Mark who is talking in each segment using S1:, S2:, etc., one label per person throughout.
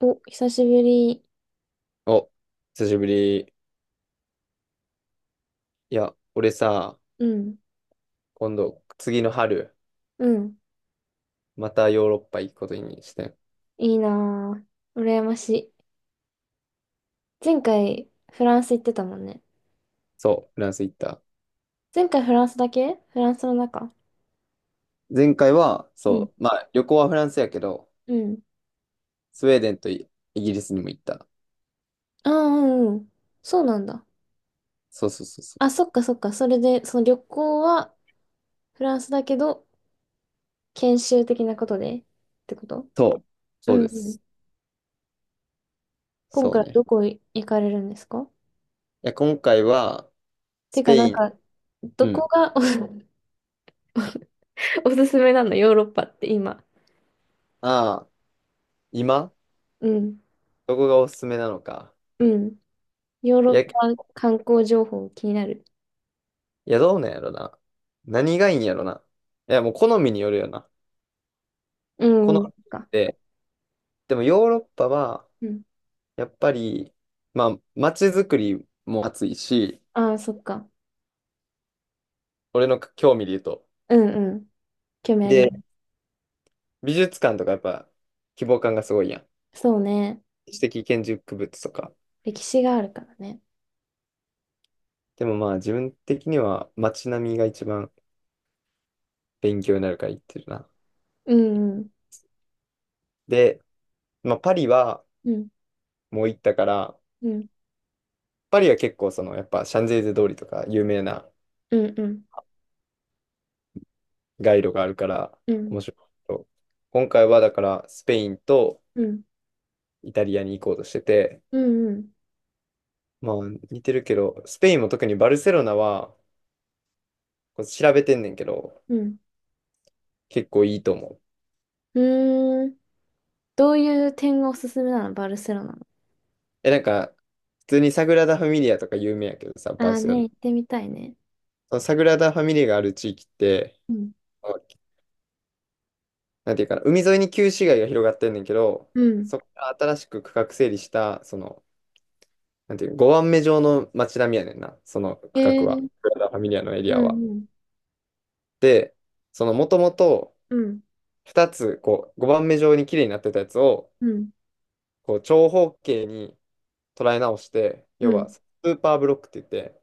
S1: お、久しぶり。
S2: お、久しぶり。いや、俺さ、
S1: うん、
S2: 今度、次の春、
S1: うん。
S2: またヨーロッパ行くことにしてん。
S1: いいなぁ。羨ましい。前回、フランス行ってたもんね。
S2: そう、フランス行った。
S1: 前回フランスだけフランスの中、
S2: 前回は、
S1: うん、
S2: そう、まあ、旅行はフランスやけど、
S1: うん。
S2: スウェーデンとイギリスにも行った。
S1: ああ、うん、うん。そうなんだ。
S2: そうそうそうそ
S1: あ、
S2: う。
S1: そっかそっか。それで、その旅行はフランスだけど、研修的なことでってこと？
S2: そう、そう
S1: うん、
S2: で
S1: うん。
S2: す。
S1: 今
S2: そう
S1: 回
S2: ね。
S1: どこ行かれるんですか？
S2: いや、今回は、
S1: て
S2: ス
S1: か、
S2: ペ
S1: な
S2: イ
S1: ん
S2: ン。
S1: か、
S2: う
S1: どこ
S2: ん。
S1: が お、おすすめなのヨーロッパって今？
S2: ああ、今
S1: うん、
S2: どこがおすすめなのか。
S1: うん。ヨーロ
S2: い
S1: ッ
S2: や、い
S1: パ観光情報気になる。
S2: や、どうなんやろな。何がいいんやろな。いや、もう好みによるよな。
S1: う
S2: 好
S1: ん、
S2: み
S1: うん、そっか。
S2: で、でもヨーロッパは、
S1: うん。
S2: やっぱり、まあ、街づくりも熱いし、
S1: ああ、そっか。
S2: 俺の興味で言うと。
S1: うんうん。興味あり
S2: で、
S1: ま
S2: 美術館とかやっぱ希望感がすごいやん。
S1: す。そうね。
S2: 知的建築物とか。
S1: 歴史があるからね。
S2: でもまあ自分的には街並みが一番勉強になるから行ってるな。
S1: うんうん。
S2: で、まあパリは
S1: うん
S2: もう行ったから、
S1: うん。
S2: パリは結構そのやっぱシャンゼリゼ通りとか有名な
S1: うんうん。
S2: 街路があるから
S1: うん
S2: 面白いけど。今回はだからスペインと
S1: うん。
S2: イタリアに行こうとしてて、
S1: うんうん。
S2: まあ似てるけど、スペインも特にバルセロナはこう調べてんねんけど、
S1: うん。
S2: 結構いいと思う。
S1: うーん。どういう点がおすすめなのバルセロナの？
S2: え、なんか、普通にサグラダ・ファミリアとか有名やけどさ、
S1: あ
S2: バル
S1: あ
S2: セロナ。
S1: ね、行ってみたいね。
S2: そのサグラダ・ファミリアがある地域って、
S1: うん。
S2: あなんていうかな、海沿いに旧市街が広がってんねんけど、
S1: うん。
S2: そこから新しく区画整理した、その、なんていう、5番目状の街並みやねんな、その区
S1: へ
S2: 画
S1: え
S2: は。サ
S1: ー、
S2: グラダ・ファミリアのエリ
S1: う
S2: アは。
S1: んうん。
S2: で、そのもともと
S1: うん。
S2: 2つ、こう、5番目状に綺麗になってたやつを、
S1: うん。
S2: こう、長方形に、捉え直して、
S1: う
S2: 要
S1: ん。
S2: はスーパーブロックって言って、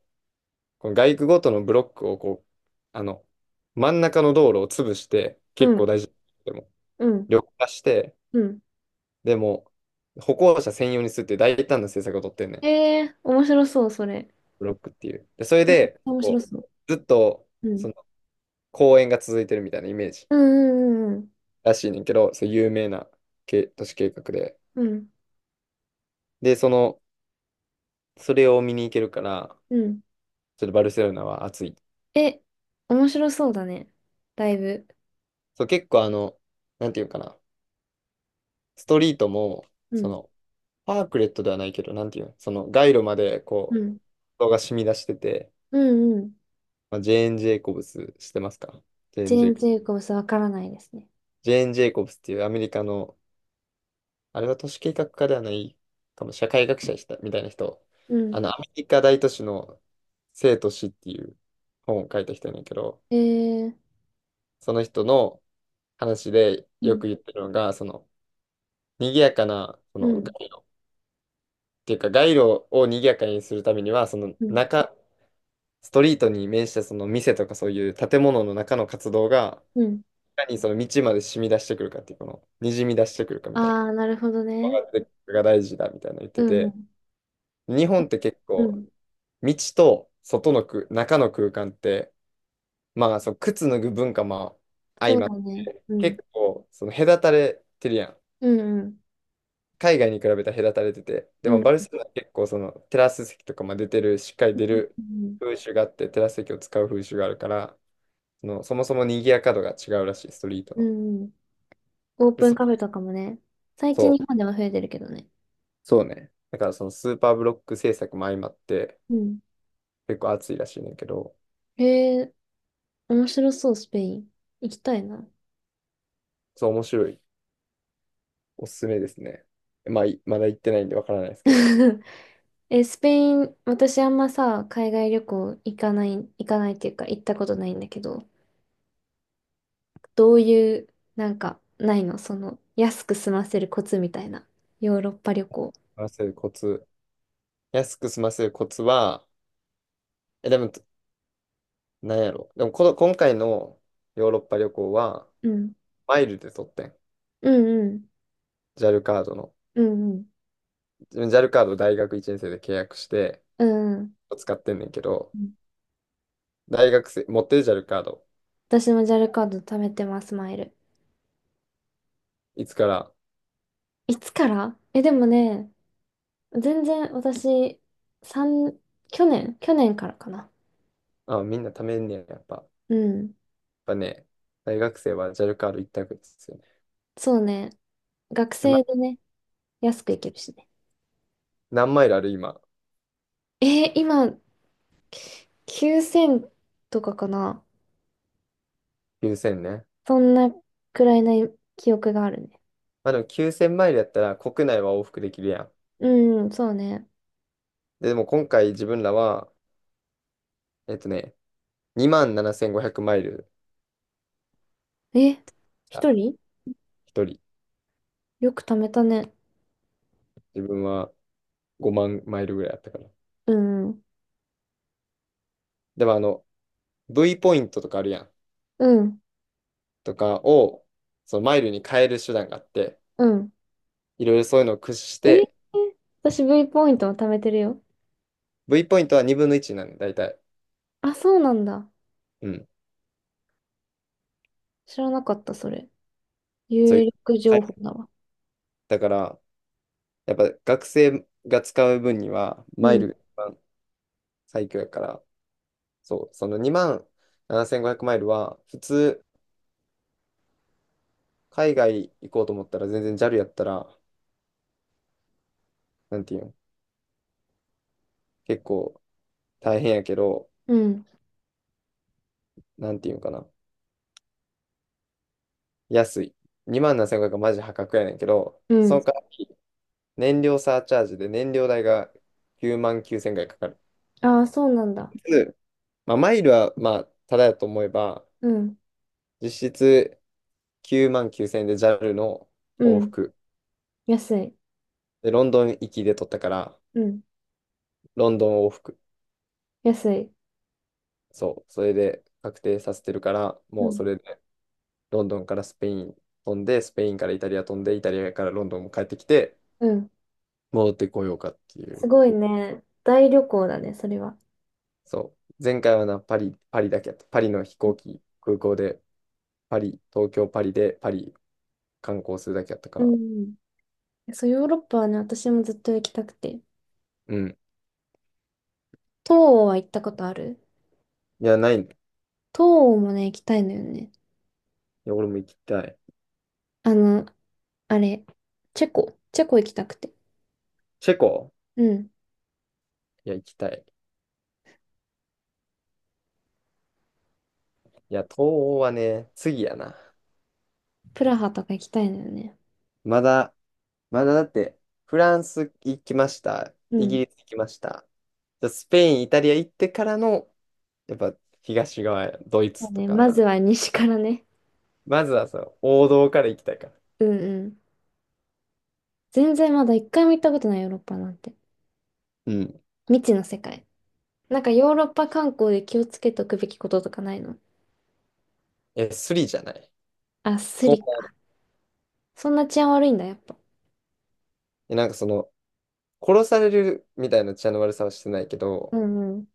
S2: この街区ごとのブロックをこう、あの、真ん中の道路を潰して、
S1: う
S2: 結構
S1: ん。
S2: 大事でも、
S1: うん。
S2: 緑化して、
S1: うん
S2: でも、歩行者専用にするっていう大胆な政策を取ってんねん。
S1: へえー、面白そう、それ。
S2: ブロックっていう。で、それで、
S1: 面白
S2: こ
S1: そう。
S2: う、ずっと、
S1: う
S2: そ
S1: ん。
S2: の、公園が続いてるみたいなイメージ
S1: うんうん
S2: らしいねんけど、そう有名な都市計画で。
S1: うんうん。うん
S2: で、その、それを見に行けるから、
S1: うん。
S2: ちょっとバルセロナは暑い。
S1: え、面白そうだね。だいぶ。
S2: そう、結構あの、なんていうかな。ストリートも、
S1: う
S2: そ
S1: ん。
S2: の、パークレットではないけど、なんていうの、その、街路まで、
S1: う
S2: こう、
S1: ん。
S2: 人が染み出してて、
S1: うんうん。
S2: まあ、ジェーン・ジェイコブスしてますかジェーン・ジェ
S1: 全
S2: イコブ
S1: 然
S2: ス。
S1: よくさ、わからないですね。
S2: ジェーン・ジェイコブスっていうアメリカの、あれは都市計画家ではないかも、社会学者でしたみたいな人、
S1: う
S2: あ
S1: ん。
S2: の、アメリカ大都市の生と死っていう本を書いた人やねんけど、
S1: えー、
S2: その人の話で
S1: う
S2: よ
S1: ん。
S2: く言ってるのが、その、賑やかな、そ
S1: う
S2: の、
S1: ん。
S2: 街路っていうか、街路を賑やかにするためには、その、
S1: うん。
S2: ストリートに面したその店とかそういう建物の中の活動が、
S1: うん。
S2: いかにその道まで染み出してくるかっていう、この、にじみ出してくるかみたい
S1: あー、なるほど
S2: な、
S1: ね。
S2: それが大事だみたいなの言っ
S1: う
S2: て
S1: んう
S2: て、
S1: ん。
S2: 日本って結
S1: う
S2: 構、
S1: ん。
S2: 道と外の中の空間って、まあ、その靴脱ぐ文化も
S1: そ
S2: 相
S1: う
S2: まっ
S1: だね。
S2: て、
S1: うん。
S2: 結構、その隔たれてるやん。
S1: うんうん。
S2: 海外に比べたら隔たれてて、で
S1: う
S2: も
S1: ん。
S2: バルセロナは結構そのテラス席とかも出てる、しっかり出る
S1: うん
S2: 風習があって、テラス席を使う風習があるから、その、そもそも賑やか度が違うらしい、ストリート
S1: う
S2: の。
S1: ん。うんオー
S2: で、
S1: プンカフェとかもね。最
S2: そ
S1: 近日
S2: う、
S1: 本では増えてるけどね。
S2: そうね。だからそのスーパーブロック制作も相まって
S1: うん。
S2: 結構熱いらしいねんだけど、
S1: えー、面白そう、スペイン。行きたいな。
S2: そう、面白い。おすすめですね。まあ、いまだ行ってないんでわからないですけど、
S1: え、スペイン、私あんまさ、海外旅行行かない、っていうか行ったことないんだけど、どういう、なんか、ないのその、安く済ませるコツみたいな。ヨーロッパ旅行。
S2: 済ませるコツ。安く済ませるコツは、でも、なんやろ。でもこの、今回のヨーロッパ旅行は、
S1: うん。
S2: マイルで取ってん。
S1: うんうん。
S2: JAL カードの。
S1: うんうん。
S2: JAL カードを大学1年生で契約して、
S1: うんうん。
S2: 使ってんねんけど、大学生、持ってる JAL カード、
S1: 私もジャルカード貯めてます、マイル。
S2: いつから
S1: いつから？え、でもね、全然私、三去年、からかな。
S2: みんな貯めんねや、やっぱ。やっ
S1: うん。
S2: ぱね、大学生はジャルカード一択ですよね。
S1: そうね。学
S2: で、ま、
S1: 生でね、安く行けるしね。
S2: 何マイルある今。
S1: えー今、9,000とかかな。
S2: 9000ね。
S1: そんなくらいな記憶があるね。
S2: まあでも9000マイルやったら国内は往復できるやん。
S1: うん、そうね。
S2: でも今回自分らは、えっとね、2万7500マイル、
S1: え、
S2: あ、
S1: 一人？
S2: 一人。
S1: よく貯めたね。
S2: 自分は5万マイルぐらいやったから。
S1: うん、
S2: でもあの、V ポイントとかあるやん。
S1: うん、
S2: とかを、そのマイルに変える手段があって、
S1: うん。
S2: いろいろそういうのを駆使し
S1: えー
S2: て、
S1: 私 V ポイントも貯めてるよ。
S2: V ポイントは2分の1なんだ、大体。
S1: あ、そうなんだ。
S2: うん。
S1: 知らなかった、それ。
S2: そうい
S1: 有
S2: う。
S1: 力
S2: は
S1: 情報
S2: い
S1: だわ。
S2: だから、やっぱ学生が使う分には、
S1: う
S2: マイ
S1: ん、
S2: ルが一番最強やから、そう、その2万7500マイルは、普通、海外行こうと思ったら、全然 JAL やったら、なんていうん、結構大変やけど、
S1: うん、
S2: なんていうんかな、安い。2万7500はマジ破格やねんけど、
S1: う
S2: そ
S1: ん。
S2: の代わり、燃料サーチャージで燃料代が9万9000円ぐらいかかる。
S1: ああ、そうなんだ。
S2: うんまあ、マイルは、まあ、ただやと思えば、
S1: うん、
S2: 実質9万9000円で JAL の
S1: う
S2: 往
S1: ん。
S2: 復。
S1: 安い。
S2: で、ロンドン行きで取ったから、
S1: うん、
S2: ロンドン往復。
S1: 安い。
S2: そう、それで確定させてるから、
S1: う
S2: もう
S1: ん、
S2: それでロンドンからスペイン飛んで、スペインからイタリア飛んで、イタリアからロンドンも帰ってきて、
S1: うん。
S2: 戻ってこようかってい
S1: す
S2: う。
S1: ごいね。大旅行だね、それは。
S2: そう、前回はな、パリ、パリだけやった。パリの飛行機、空港で、パリ、東京、パリで、パリ観光するだけやったか
S1: う
S2: ら。
S1: ん。そう、ヨーロッパはね、私もずっと行きたくて。
S2: うん。
S1: 東欧は行ったことある？
S2: いや、ないね。
S1: 東欧もね、行きたいのよね。
S2: いや、俺も行きたい。
S1: あの、あれ、チェコ。チェコ行きたくて。
S2: チェコ
S1: うん。
S2: いや、行きたい。いや、東欧はね、次やな。
S1: プラハとか行きたいのよね。
S2: まだ、まだだって、フランス行きました。
S1: う
S2: イギ
S1: ん。
S2: リス行きました。じゃあスペイン、イタリア行ってからの、やっぱ東側、ドイ
S1: そ
S2: ツ
S1: う
S2: と
S1: ね、
S2: か。
S1: まずは西からね。
S2: まずはその王道から行きたいから。
S1: うんうん。全然まだ一回も行ったことないヨーロッパなんて。
S2: うん。
S1: 未知の世界。なんかヨーロッパ観光で気をつけておくべきこととかないの？
S2: え、スリじゃない。
S1: あ、ス
S2: 東
S1: リか。
S2: 南
S1: そんな治安悪いんだ、やっぱ。
S2: なんかその、殺されるみたいな血の悪さはしてないけ
S1: う
S2: ど、
S1: んうん。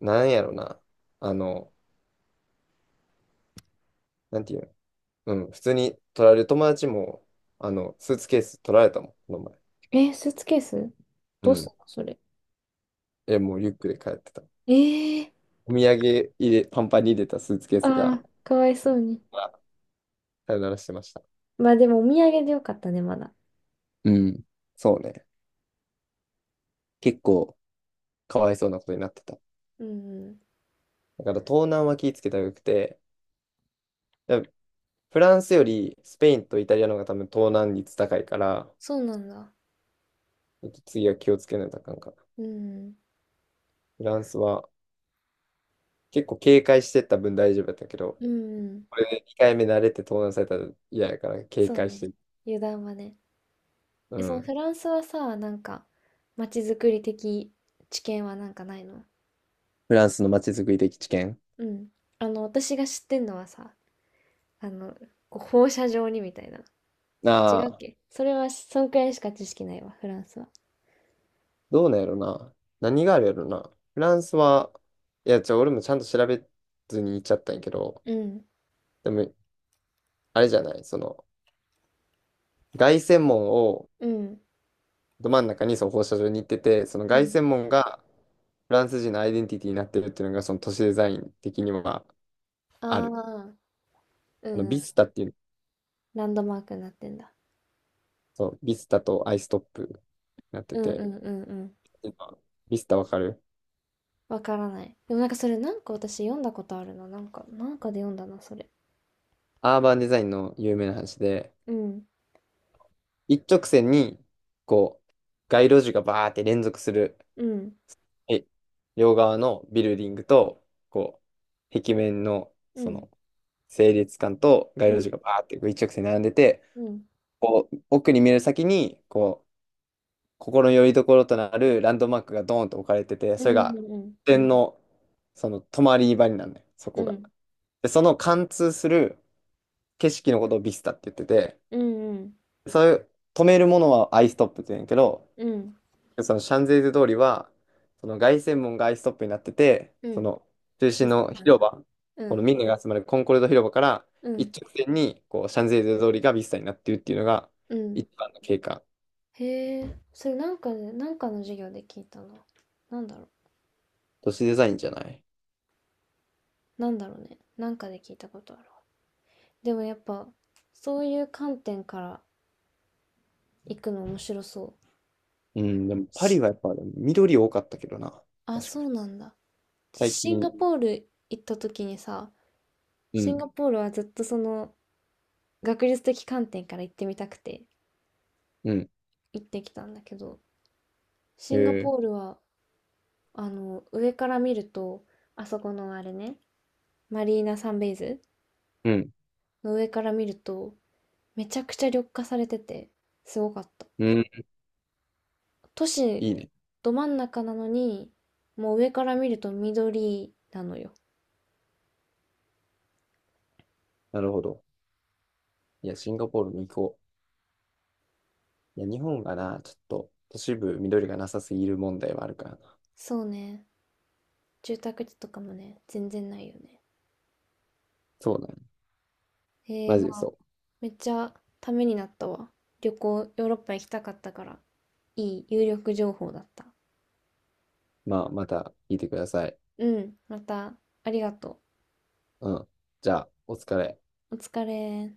S2: なんやろな。あの、なんていうの。うん、普通に取られる友達も、あの、スーツケース取られたもん、この前。
S1: えー、スーツケース
S2: う
S1: どうすん
S2: ん。
S1: のそれ？
S2: え、もうリュックで帰ってた。
S1: えー、
S2: お土産入れ、パンパンに入れたスーツケース
S1: あ
S2: が、
S1: ーかわいそうに。
S2: まさよならしてました。
S1: まあでもお土産でよかったね、まだ。
S2: うん。そうね。結構、かわいそうなことになってた。
S1: うんん。
S2: だから東南は気ぃつけたらよくて、だからフランスよりスペインとイタリアの方が多分東南率高いから、
S1: そうなんだ。
S2: 次は気をつけないとあかんかな。
S1: うんうん。
S2: フランスは結構警戒してった分大丈夫だったけど、
S1: うん。
S2: これで2回目慣れて盗難されたら嫌やから警
S1: そう
S2: 戒して
S1: ね。
S2: る。
S1: 油断はね。
S2: う
S1: え、その
S2: ん。
S1: フランスはさ、なんか、まちづくり的知見はなんかないの？
S2: フランスの街づくり的知見。
S1: うん。あの、私が知ってんのはさ、あの、こう放射状にみたいな。違うっ
S2: ああ、
S1: けそれは、そんくらいしか知識ないわ、フランスは。
S2: どうなんやろな。何があるやろな。フランスは、いや、俺もちゃんと調べずに行っちゃったんやけど、
S1: うん。
S2: でも、あれじゃない、その、凱旋門を、
S1: うん。
S2: ど真ん中にその放射状に行ってて、その
S1: う
S2: 凱
S1: ん。
S2: 旋門がフランス人のアイデンティティになってるっていうのが、その都市デザイン的には
S1: あ
S2: あ
S1: あ、
S2: る。
S1: う
S2: あの、
S1: んう
S2: ビ
S1: ん。
S2: スタっていう、
S1: ランドマークになってんだ。
S2: そう、ビスタとアイストップになって
S1: うんう
S2: て、
S1: んうんうん。
S2: 今ビスタわかる
S1: わからない。でもなんかそれなんか私読んだことあるな。なんか、なんかで読んだな、それ。
S2: アーバンデザインの有名な話で、
S1: うん。
S2: 一直線に、こう、街路樹がバーって連続する、
S1: うん。
S2: え両側のビルディングと、こう、壁面の、
S1: う
S2: そ
S1: ん。
S2: の、整列管と街
S1: う
S2: 路
S1: ん。
S2: 樹がバーってこう一直線に並んでて、
S1: うん。
S2: こう奥に見える先にこう心の拠り所となるランドマークがドーンと置かれてて、
S1: う
S2: それが
S1: ん。
S2: 点のその止まり場になるのよ、そ
S1: う
S2: こ
S1: ん。う
S2: が。
S1: ん。
S2: で、その貫通する景色のことをビスタって言ってて、
S1: うん。うん。
S2: そういう止めるものはアイストップって言うんやけど、
S1: うん。
S2: そのシャンゼリゼ通りは、その凱旋門がアイストップになってて、
S1: う
S2: そ
S1: ん
S2: の中
S1: リ
S2: 心
S1: スト
S2: の
S1: なん
S2: 広
S1: だ。
S2: 場、
S1: う
S2: この
S1: ん。
S2: ミんネが集まるコンコルド広場から
S1: うん。
S2: 一直線にこうシャンゼリゼ通りがビスタになっているっていうのが
S1: うん。
S2: 一番の経過。
S1: へえ。それなんかで、なんかの授業で聞いたな。なんだろ
S2: 都市デザインじゃない。
S1: う。なんだろうね。なんかで聞いたことあるわ。でもやっぱ、そういう観点から行くの面白そう。
S2: うん、でもパリはやっぱ緑多かったけどな。
S1: あ、
S2: 確か
S1: そ
S2: に。
S1: うなんだ。
S2: 最
S1: シンガ
S2: 近、
S1: ポール行った時にさ、
S2: う
S1: シン
S2: ん、
S1: ガポールはずっとその学術的観点から行ってみたくて
S2: うん、
S1: 行ってきたんだけど、
S2: へ
S1: シンガ
S2: え、
S1: ポールはあの上から見ると、あそこのあれね、マリーナサンベイズ
S2: うん、
S1: の上から見ると、めちゃくちゃ緑化されてて、すごかった。
S2: うん、
S1: 都市
S2: いいね。
S1: ど真ん中なのに、もう上から見ると緑なのよ。
S2: なるほど。いや、シンガポールに行こう。いや、日本がな、ちょっと都市部緑がなさすぎる問題はあるからな。
S1: そうね。住宅地とかもね、全然ないよね。
S2: そうだね。
S1: えー、
S2: マジで
S1: ま
S2: そ
S1: あ、
S2: う。
S1: めっちゃためになったわ。旅行、ヨーロッパ行きたかったから。いい有力情報だった。
S2: まあ、また聞いてください。
S1: うん、また、ありがと
S2: うん。じゃあ、お疲れ。
S1: う。お疲れ。